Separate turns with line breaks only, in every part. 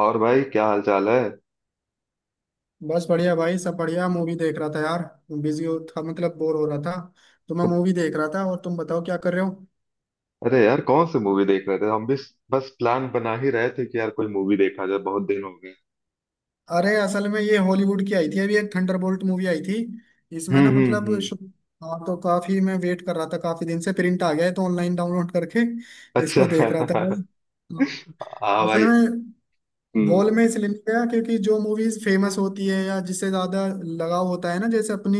और भाई, क्या हाल चाल है?
बस बढ़िया भाई। सब बढ़िया। मूवी देख रहा था यार। बिजी हो था मतलब बोर हो रहा था, तो मैं
तो,
मूवी देख रहा था। और तुम बताओ क्या कर रहे हो।
अरे यार, कौन सी मूवी देख रहे थे, हम भी? बस प्लान बना ही रहे थे कि यार कोई मूवी देखा जाए, बहुत दिन हो गए।
अरे असल में ये हॉलीवुड की आई थी, अभी एक थंडरबोल्ट मूवी आई थी। इसमें
हम्म,
ना
हम्म,
मतलब
हम्म।
हाँ, तो काफी मैं वेट कर रहा था काफी दिन से। प्रिंट आ गया है तो ऑनलाइन डाउनलोड करके इसको देख रहा
अच्छा।
था भाई। हाँ।
हाँ
असल
भाई।
में
हम्म,
गोल में इसलिए नहीं गया क्योंकि जो मूवीज फेमस होती है या जिससे ज्यादा लगाव होता है ना, जैसे अपनी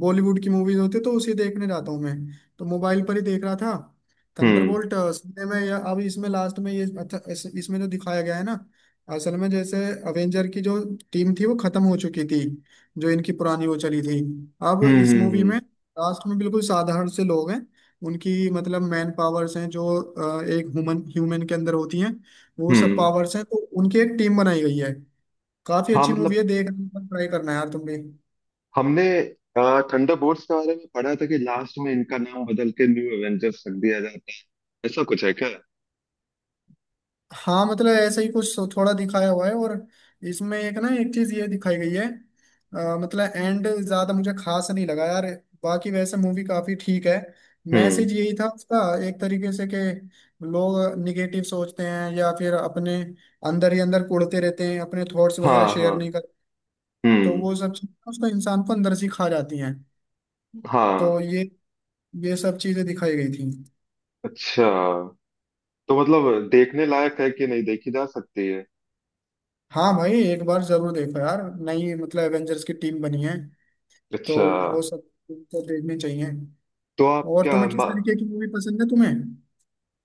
बॉलीवुड की मूवीज होती है तो उसी देखने जाता हूँ मैं। तो मोबाइल पर ही देख रहा था।
हम्म,
थंडरबोल्ट सुनने में या अब इसमें लास्ट में ये अच्छा इसमें जो दिखाया गया है ना, असल में जैसे अवेंजर की जो टीम थी वो खत्म हो चुकी थी। जो इनकी पुरानी वो चली थी। अब
हम्म।
इस
हम्म,
मूवी
हम्म,
में लास्ट में बिल्कुल साधारण से लोग हैं। उनकी मतलब मैन पावर्स हैं जो एक ह्यूमन ह्यूमन के अंदर होती हैं। वो सब
हम्म।
पावर्स हैं, तो उनकी एक टीम बनाई गई है। काफी
हाँ
अच्छी मूवी
मतलब
है, देखना ट्राई करना यार तुम भी।
हमने थंडरबोल्ट्स के बारे में पढ़ा था कि लास्ट में इनका नाम बदल के न्यू एवेंजर्स रख दिया जाता है, ऐसा कुछ है क्या?
हाँ मतलब ऐसा ही कुछ थोड़ा दिखाया हुआ है। और इसमें एक ना एक चीज ये दिखाई गई है। मतलब एंड ज्यादा मुझे खास नहीं लगा यार, बाकी वैसे मूवी काफी ठीक है।
हम्म।
मैसेज यही था उसका एक तरीके से, कि लोग निगेटिव सोचते हैं या फिर अपने अंदर ही अंदर कुढ़ते रहते हैं, अपने थॉट्स वगैरह
हाँ,
शेयर
हाँ।
नहीं करते। तो
हम्म।
वो सब चीजें उसको इंसान को अंदर से खा जाती हैं।
हाँ।
तो ये सब चीजें दिखाई गई थी।
अच्छा। तो मतलब देखने लायक है कि नहीं, देखी जा सकती है?
हाँ भाई एक बार जरूर देखो यार। नई मतलब एवेंजर्स की टीम बनी है, तो
अच्छा।
वो सब तो देखनी चाहिए।
तो आप
और
क्या
तुम्हें किस तरीके की मूवी पसंद है तुम्हें।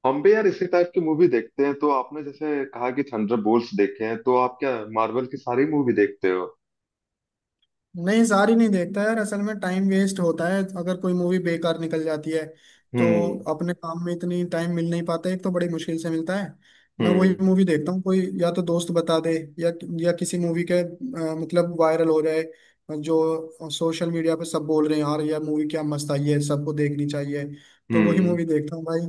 हम भी यार इसी टाइप की मूवी देखते हैं, तो आपने जैसे कहा कि थंडरबोल्ट्स देखे हैं, तो आप क्या मार्वल की सारी मूवी देखते हो?
नहीं सारी नहीं देखता यार, असल में टाइम वेस्ट होता है अगर कोई मूवी बेकार निकल जाती है। तो
हम्म,
अपने काम में इतनी टाइम मिल नहीं पाता है, एक तो बड़ी मुश्किल से मिलता है। मैं वही
हम्म,
मूवी देखता हूँ कोई, या तो दोस्त बता दे या या किसी मूवी के मतलब वायरल हो जाए, जो सोशल मीडिया पे सब बोल रहे हैं यार यह मूवी क्या मस्त आई है सबको देखनी चाहिए, तो वही
हम्म।
मूवी देखता हूँ भाई।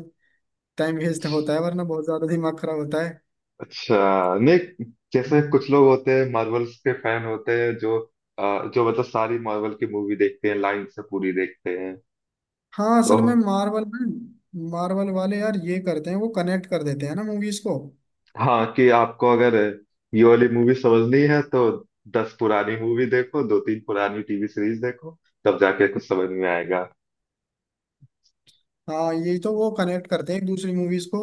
टाइम वेस्ट होता
अच्छ-
है वरना, बहुत ज्यादा दिमाग खराब होता
अच्छा। नहीं, जैसे कुछ
है।
लोग होते हैं, मार्वल्स के फैन होते हैं, जो जो मतलब सारी मार्वल की मूवी देखते हैं, लाइन से पूरी देखते हैं।
हाँ
तो
असल में मार्वल वाले यार ये करते हैं, वो कनेक्ट कर देते हैं ना मूवीज को।
हाँ, कि आपको अगर ये वाली मूवी समझनी है तो 10 पुरानी मूवी देखो, दो तीन पुरानी टीवी सीरीज देखो, तब जाके कुछ समझ में आएगा।
हाँ ये तो वो कनेक्ट करते हैं एक दूसरी मूवीज को।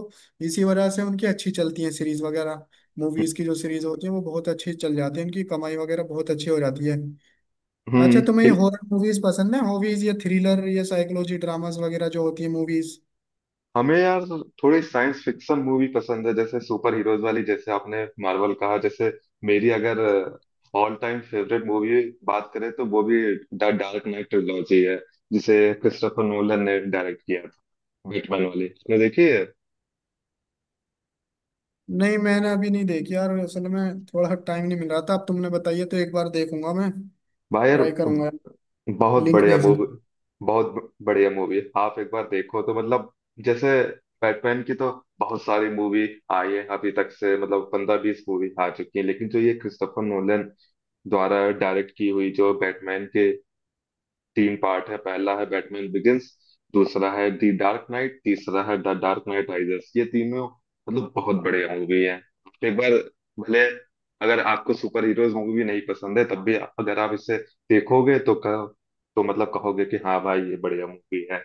इसी वजह से उनकी अच्छी चलती है सीरीज वगैरह। मूवीज की जो सीरीज होती है वो बहुत अच्छी चल जाती है, उनकी कमाई वगैरह बहुत अच्छी हो जाती है।
हम्म।
अच्छा तुम्हें ये
हिल-
हॉरर मूवीज पसंद है, हॉबीज या थ्रिलर या साइकोलॉजी ड्रामास वगैरह जो होती है मूवीज।
हमें यार थोड़ी साइंस फिक्शन मूवी पसंद है, जैसे सुपर हीरोज वाली, जैसे आपने मार्वल कहा, जैसे मेरी अगर ऑल टाइम फेवरेट मूवी बात करें, तो वो भी द डार्क नाइट ट्रिलॉजी है, जिसे क्रिस्टोफर नोलन ने डायरेक्ट किया था। बैटमैन वाली आपने देखी है?
नहीं मैंने अभी नहीं देखी यार, असल में थोड़ा टाइम नहीं मिल रहा था। अब तुमने बताइए तो एक बार देखूंगा मैं,
भाई यार,
ट्राई करूंगा।
बहुत
लिंक
बढ़िया मूवी।
भेजना।
बढ़िया मूवी, आप एक बार देखो तो मतलब, जैसे बैटमैन की तो बहुत सारी मूवी आई है अभी तक, से मतलब 15-20 मूवी आ चुकी है, लेकिन जो ये क्रिस्टोफर नोलन द्वारा डायरेक्ट की हुई, जो बैटमैन के तीन पार्ट है, पहला है बैटमैन बिगिंस, दूसरा है दी डार्क नाइट, तीसरा है द डार्क नाइट राइजेस, ये तीनों मतलब बहुत बढ़िया मूवी है। एक बार भले अगर आपको सुपर हीरोज मूवी नहीं पसंद है, तब भी अगर आप इसे देखोगे तो तो मतलब कहोगे कि हाँ भाई ये बढ़िया मूवी है।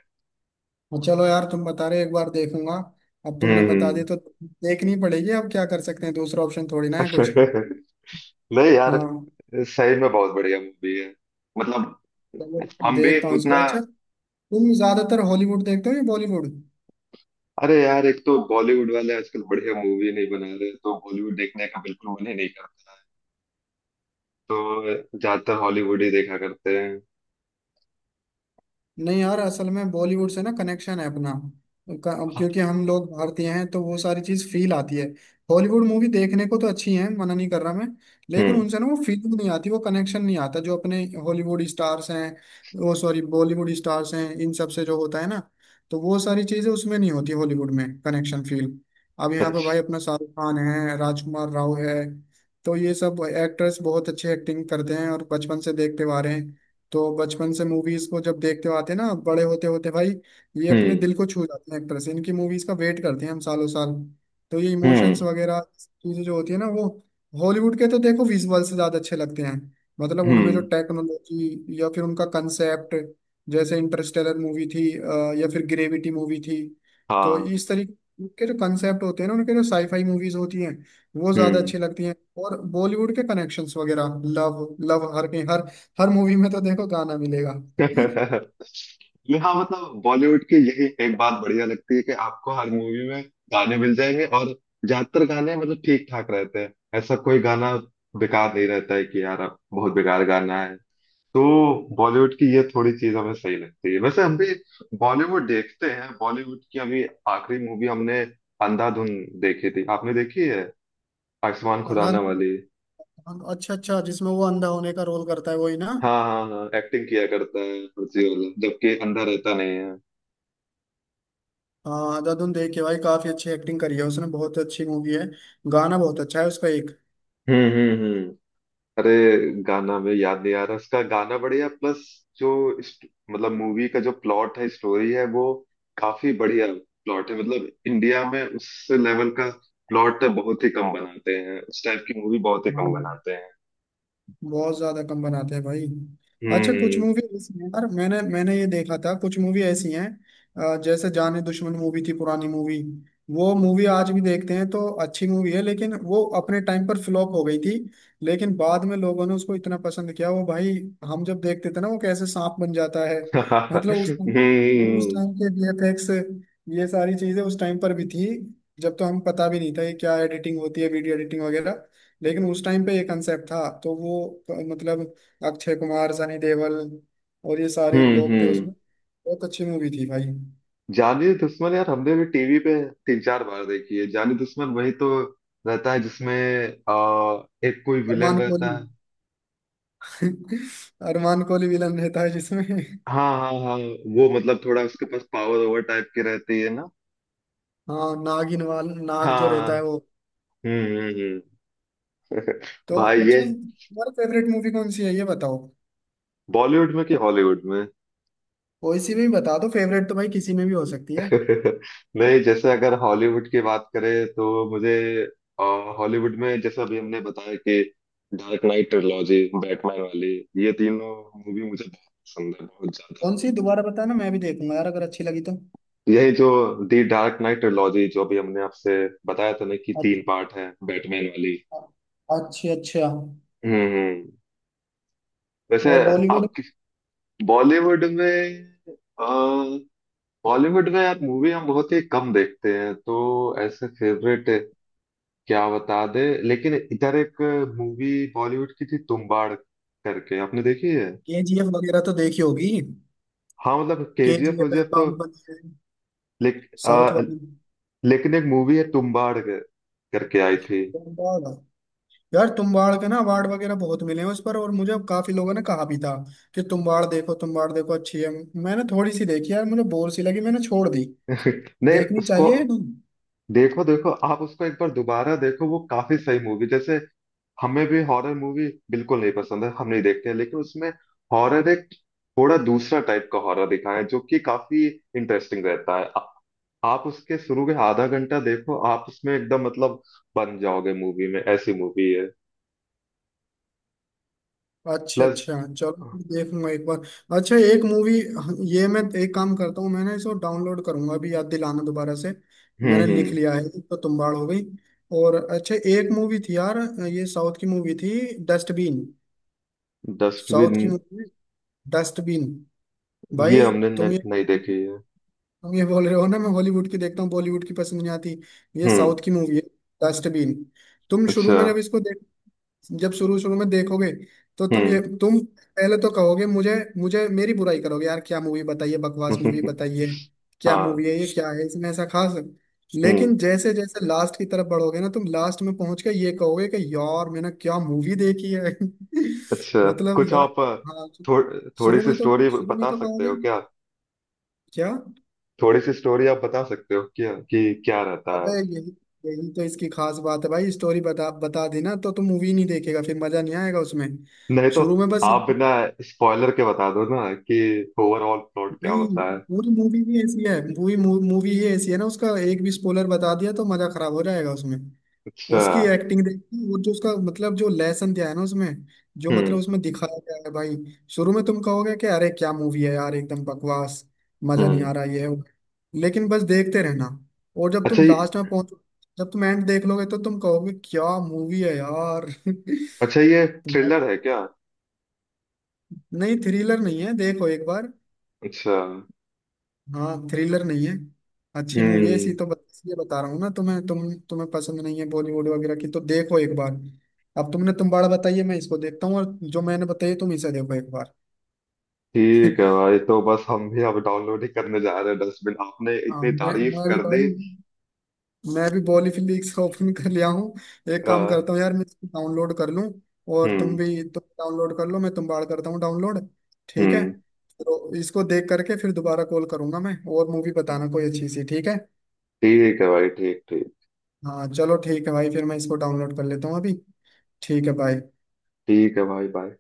और चलो यार तुम बता रहे हो, एक बार देखूंगा। अब तुमने बता
हम्म।
दिया तो देखनी पड़ेगी, अब क्या कर सकते हैं, दूसरा ऑप्शन थोड़ी ना है कुछ।
नहीं यार,
हाँ
सही में बहुत बढ़िया मूवी है, मतलब
चलो
हम भी
देखता हूँ
उतना।
इसको। अच्छा तुम ज्यादातर हॉलीवुड देखते हो या बॉलीवुड।
अरे यार, एक तो बॉलीवुड वाले आजकल बढ़िया मूवी नहीं बना रहे, तो बॉलीवुड देखने का बिल्कुल मन ही नहीं करता है, तो ज्यादातर हॉलीवुड ही देखा करते हैं।
नहीं यार असल में बॉलीवुड से ना कनेक्शन है अपना, क्योंकि हम लोग भारतीय हैं, तो वो सारी चीज फील आती है। हॉलीवुड मूवी देखने को तो अच्छी है, मना नहीं कर रहा मैं। लेकिन
हम्म।
उनसे ना वो फीलिंग नहीं आती, वो कनेक्शन नहीं आता जो अपने हॉलीवुड स्टार्स हैं, वो सॉरी बॉलीवुड स्टार्स हैं, इन सब से जो होता है ना। तो वो सारी चीजें उसमें नहीं होती हॉलीवुड में, कनेक्शन फील। अब यहाँ पे भाई
अच्छा।
अपना शाहरुख खान है, राजकुमार राव है। तो ये सब एक्टर्स बहुत अच्छे एक्टिंग करते हैं और बचपन से देखते हुए आ रहे हैं। तो बचपन से मूवीज को जब देखते हो आते हैं ना, बड़े होते होते भाई, ये अपने
हम्म,
दिल को छू जाते हैं एक तरह से। इनकी मूवीज का वेट करते हैं हम सालों साल। तो ये इमोशंस
हम्म,
वगैरह चीजें जो होती है ना वो, हॉलीवुड के तो देखो विजुअल से ज्यादा अच्छे लगते हैं। मतलब उनमें जो
हम्म।
टेक्नोलॉजी या फिर उनका कंसेप्ट, जैसे इंटरस्टेलर मूवी थी या फिर ग्रेविटी मूवी थी। तो
हाँ।
इस तरीके के जो कंसेप्ट होते हैं ना उनके, जो साईफाई मूवीज होती हैं वो ज्यादा अच्छी
हम्म।
लगती हैं। और बॉलीवुड के कनेक्शंस वगैरह लव लव हर के हर, हर मूवी में तो देखो गाना मिलेगा।
नहीं, हाँ मतलब बॉलीवुड की यही एक बात बढ़िया लगती है कि आपको हर मूवी में गाने मिल जाएंगे, और ज्यादातर गाने मतलब ठीक ठाक रहते हैं, ऐसा कोई गाना बेकार नहीं रहता है कि यार अब बहुत बेकार गाना है तो, बॉलीवुड की ये थोड़ी चीज हमें सही लगती है, वैसे हम भी बॉलीवुड देखते हैं, बॉलीवुड की अभी आखिरी मूवी हमने अंधाधुन देखी थी, आपने देखी है आयुष्मान खुराना
अंधाधुन।
वाली?
अच्छा अच्छा, जिसमें वो अंधा होने का रोल करता है वही ना।
हाँ, हाँ, हाँ, एक्टिंग किया करता है कुर्सी वाला, जबकि अंधा रहता नहीं है।
हाँ अंधाधुन देख के भाई, काफी अच्छी एक्टिंग करी है उसने, बहुत अच्छी मूवी है। गाना बहुत अच्छा है उसका एक।
हम्म, हम्म, हम्म। अरे गाना में याद नहीं आ रहा, उसका गाना बढ़िया प्लस, जो मतलब मूवी का जो प्लॉट है, स्टोरी है, वो काफी बढ़िया प्लॉट है, मतलब इंडिया में उस लेवल का प्लॉट बहुत ही कम बनाते हैं, उस टाइप की मूवी बहुत ही
हाँ
कम बनाते हैं।
बहुत ज्यादा कम बनाते हैं भाई। अच्छा कुछ
हम्म।
मूवी ऐसी हैं यार, मैंने मैंने ये देखा था कुछ मूवी ऐसी हैं, जैसे जाने दुश्मन मूवी थी, पुरानी मूवी। वो मूवी आज भी देखते हैं तो अच्छी मूवी है, लेकिन वो अपने टाइम पर फ्लॉप हो गई थी। लेकिन बाद में लोगों ने उसको इतना पसंद किया, वो भाई हम जब देखते थे ना वो कैसे सांप बन जाता है। मतलब उस
हम्म,
टाइम के वीएफएक्स, ये सारी चीजें उस टाइम पर भी थी। जब तो हम पता भी नहीं था ये क्या एडिटिंग होती है, वीडियो एडिटिंग वगैरह। लेकिन उस टाइम पे ये कंसेप्ट था, तो वो मतलब अक्षय कुमार, सनी देओल और ये सारे
हम्म,
लोग थे उसमें। बहुत अच्छी मूवी थी भाई।
जानी दुश्मन यार, हमने भी टीवी पे तीन चार बार देखी है जानी दुश्मन, वही तो रहता है जिसमें आ, एक कोई विलेन
अरमान कोहली।
रहता है।
अरमान कोहली विलन रहता है जिसमें।
हाँ, हाँ, हाँ। वो मतलब थोड़ा उसके पास पावर ओवर टाइप की रहती है ना।
हाँ नागिन वाल नाग जो
हाँ।
रहता है वो।
हम्म, हम्म,
तो
भाई ये
अच्छा तुम्हारा फेवरेट मूवी कौन सी है ये बताओ।
बॉलीवुड में कि हॉलीवुड में?
कोई सी भी बता दो, फेवरेट तो भाई किसी में भी हो सकती है।
नहीं, जैसे अगर हॉलीवुड की बात करें तो मुझे अ, हॉलीवुड में जैसे अभी हमने बताया कि डार्क नाइट ट्रिलॉजी बैटमैन वाली ये तीनों मूवी मुझे बहुत पसंद है, बहुत ज्यादा।
कौन सी दोबारा बताना, मैं भी देखूंगा यार अगर अच्छी लगी तो।
यही जो दी डार्क नाइट ट्रिलॉजी, जो अभी हमने आपसे बताया था ना कि तीन
अच्छा
पार्ट है, बैटमैन वाली।
अच्छा अच्छा।
हम्म, वैसे
और बॉलीवुड।
आप बॉलीवुड में अ, बॉलीवुड में यार मूवी हम बहुत ही कम देखते हैं, तो ऐसे फेवरेट क्या बता दे, लेकिन इधर एक मूवी बॉलीवुड की थी तुम्बाड़ करके, आपने देखी है?
केजीएफ वगैरह तो देखी होगी।
हाँ मतलब केजीएफ
केजीएफ है,
वजीएफ तो
बाहुबली है,
लेक,
साउथ
अ,
वाली।
लेकिन एक मूवी है तुम्बाड़ करके आई थी।
तुम्बाड़। यार तुम्बाड़ के ना अवार्ड वगैरह बहुत मिले हैं उस पर, और मुझे काफी लोगों ने कहा भी था कि तुम्बाड़ देखो अच्छी है। मैंने थोड़ी सी देखी यार, मुझे बोर सी लगी, मैंने छोड़ दी।
नहीं
देखनी
उसको
चाहिए या नहीं।
देखो, देखो आप उसको एक बार दोबारा देखो, वो काफी सही मूवी, जैसे हमें भी हॉरर मूवी बिल्कुल नहीं पसंद है, हम नहीं देखते हैं, लेकिन उसमें हॉरर एक थोड़ा दूसरा टाइप का हॉरर दिखाया है, जो कि काफी इंटरेस्टिंग रहता है, आप उसके शुरू के आधा घंटा देखो, आप उसमें एकदम मतलब बन जाओगे मूवी में, ऐसी मूवी है।
अच्छा
प्लस।
अच्छा चलो मैं देखूंगा एक बार। अच्छा एक मूवी, ये मैं एक काम करता हूँ, मैंने इसको डाउनलोड करूंगा, अभी याद दिलाना दोबारा से।
हम्म,
मैंने लिख
हम्म।
लिया है, एक तो तुम्बाड़ हो गई। और अच्छा एक मूवी थी यार, ये साउथ की मूवी थी, डस्टबिन। South
dustbin.
की मूवी, डस्टबिन,
ये
भाई।
हमने
तुम
न,
ये
नहीं देखी है।
तुम ये बोल रहे हो ना मैं हॉलीवुड की देखता हूँ बॉलीवुड की पसंद नहीं आती, ये
हम्म।
साउथ की मूवी है, डस्टबिन। तुम शुरू
अच्छा।
में जब इसको, जब शुरू शुरू में देखोगे, तो
हम्म।
तुम पहले तो कहोगे मुझे, मेरी बुराई करोगे यार क्या मूवी बताइए, बकवास मूवी बताइए, क्या
हाँ।
मूवी है ये, क्या है इसमें ऐसा खास।
हम्म।
लेकिन जैसे जैसे लास्ट की तरफ बढ़ोगे ना तुम, लास्ट में पहुंच के ये कहोगे कि यार मैंने क्या मूवी देखी है।
अच्छा
मतलब
कुछ
यार।
आप
हाँ तो
थोड़ी
शुरू
सी
में तो
स्टोरी
शुरू में
बता
तो
सकते
कहोगे
हो क्या?
क्या।
थोड़ी सी स्टोरी आप बता सकते हो क्या कि क्या रहता
अबे
है?
यही यही तो इसकी खास बात है भाई, स्टोरी बता बता देना तो तुम मूवी नहीं देखेगा फिर, मजा नहीं आएगा उसमें।
नहीं तो
शुरू में बस।
आप बिना स्पॉइलर के बता दो ना कि ओवरऑल प्लॉट क्या
नहीं
होता है।
पूरी मूवी ही ऐसी है, ना उसका एक भी स्पॉइलर बता दिया तो मजा खराब हो जाएगा उसमें।
अच्छा।
उसकी एक्टिंग देखी, वो जो उसका मतलब जो लेसन दिया है ना उसमें, जो मतलब
हम्म,
उसमें दिखाया गया है भाई। शुरू में तुम कहोगे कि अरे क्या मूवी है यार एकदम बकवास, मजा नहीं
हम्म।
आ रहा, ये है वो। लेकिन बस देखते रहना, और जब तुम
अच्छा ये।
लास्ट में पहुंचो, जब तुम एंड देख लोगे, तो तुम कहोगे क्या मूवी है यार।
अच्छा, ये थ्रिलर है क्या?
नहीं थ्रिलर नहीं है, देखो एक बार।
अच्छा।
हाँ थ्रिलर नहीं है, अच्छी मूवी है।
हम्म।
इसलिए बता रहा हूँ ना तुम्हें, तुम्हें पसंद नहीं है बॉलीवुड वगैरह की, तो देखो एक बार। अब तुमने तुम बाड़ा बताइए मैं इसको देखता हूँ, और जो मैंने बताई तुम इसे देखो एक बार।
ठीक है भाई, तो बस हम भी अब डाउनलोड ही करने जा रहे हैं, डस्टबिन आपने
हाँ
इतनी
मैं
तारीफ
मैं भी
कर
भाई,
दी।
मैं भी बॉली फिलिक्स ओपन कर लिया हूँ। एक काम करता
अ,
हूँ यार, मैं इसको डाउनलोड कर लूँ। और तुम
हम्म,
भी तुम डाउनलोड कर लो, मैं तुम बाड़ करता हूँ डाउनलोड। ठीक है।
हम्म।
तो इसको देख करके फिर दोबारा कॉल करूंगा मैं, और मूवी बताना कोई अच्छी सी, ठीक है।
ठीक है भाई, ठीक ठीक।
हाँ चलो ठीक है भाई, फिर मैं इसको डाउनलोड कर लेता हूँ अभी। ठीक है भाई।
ठीक है भाई, बाय।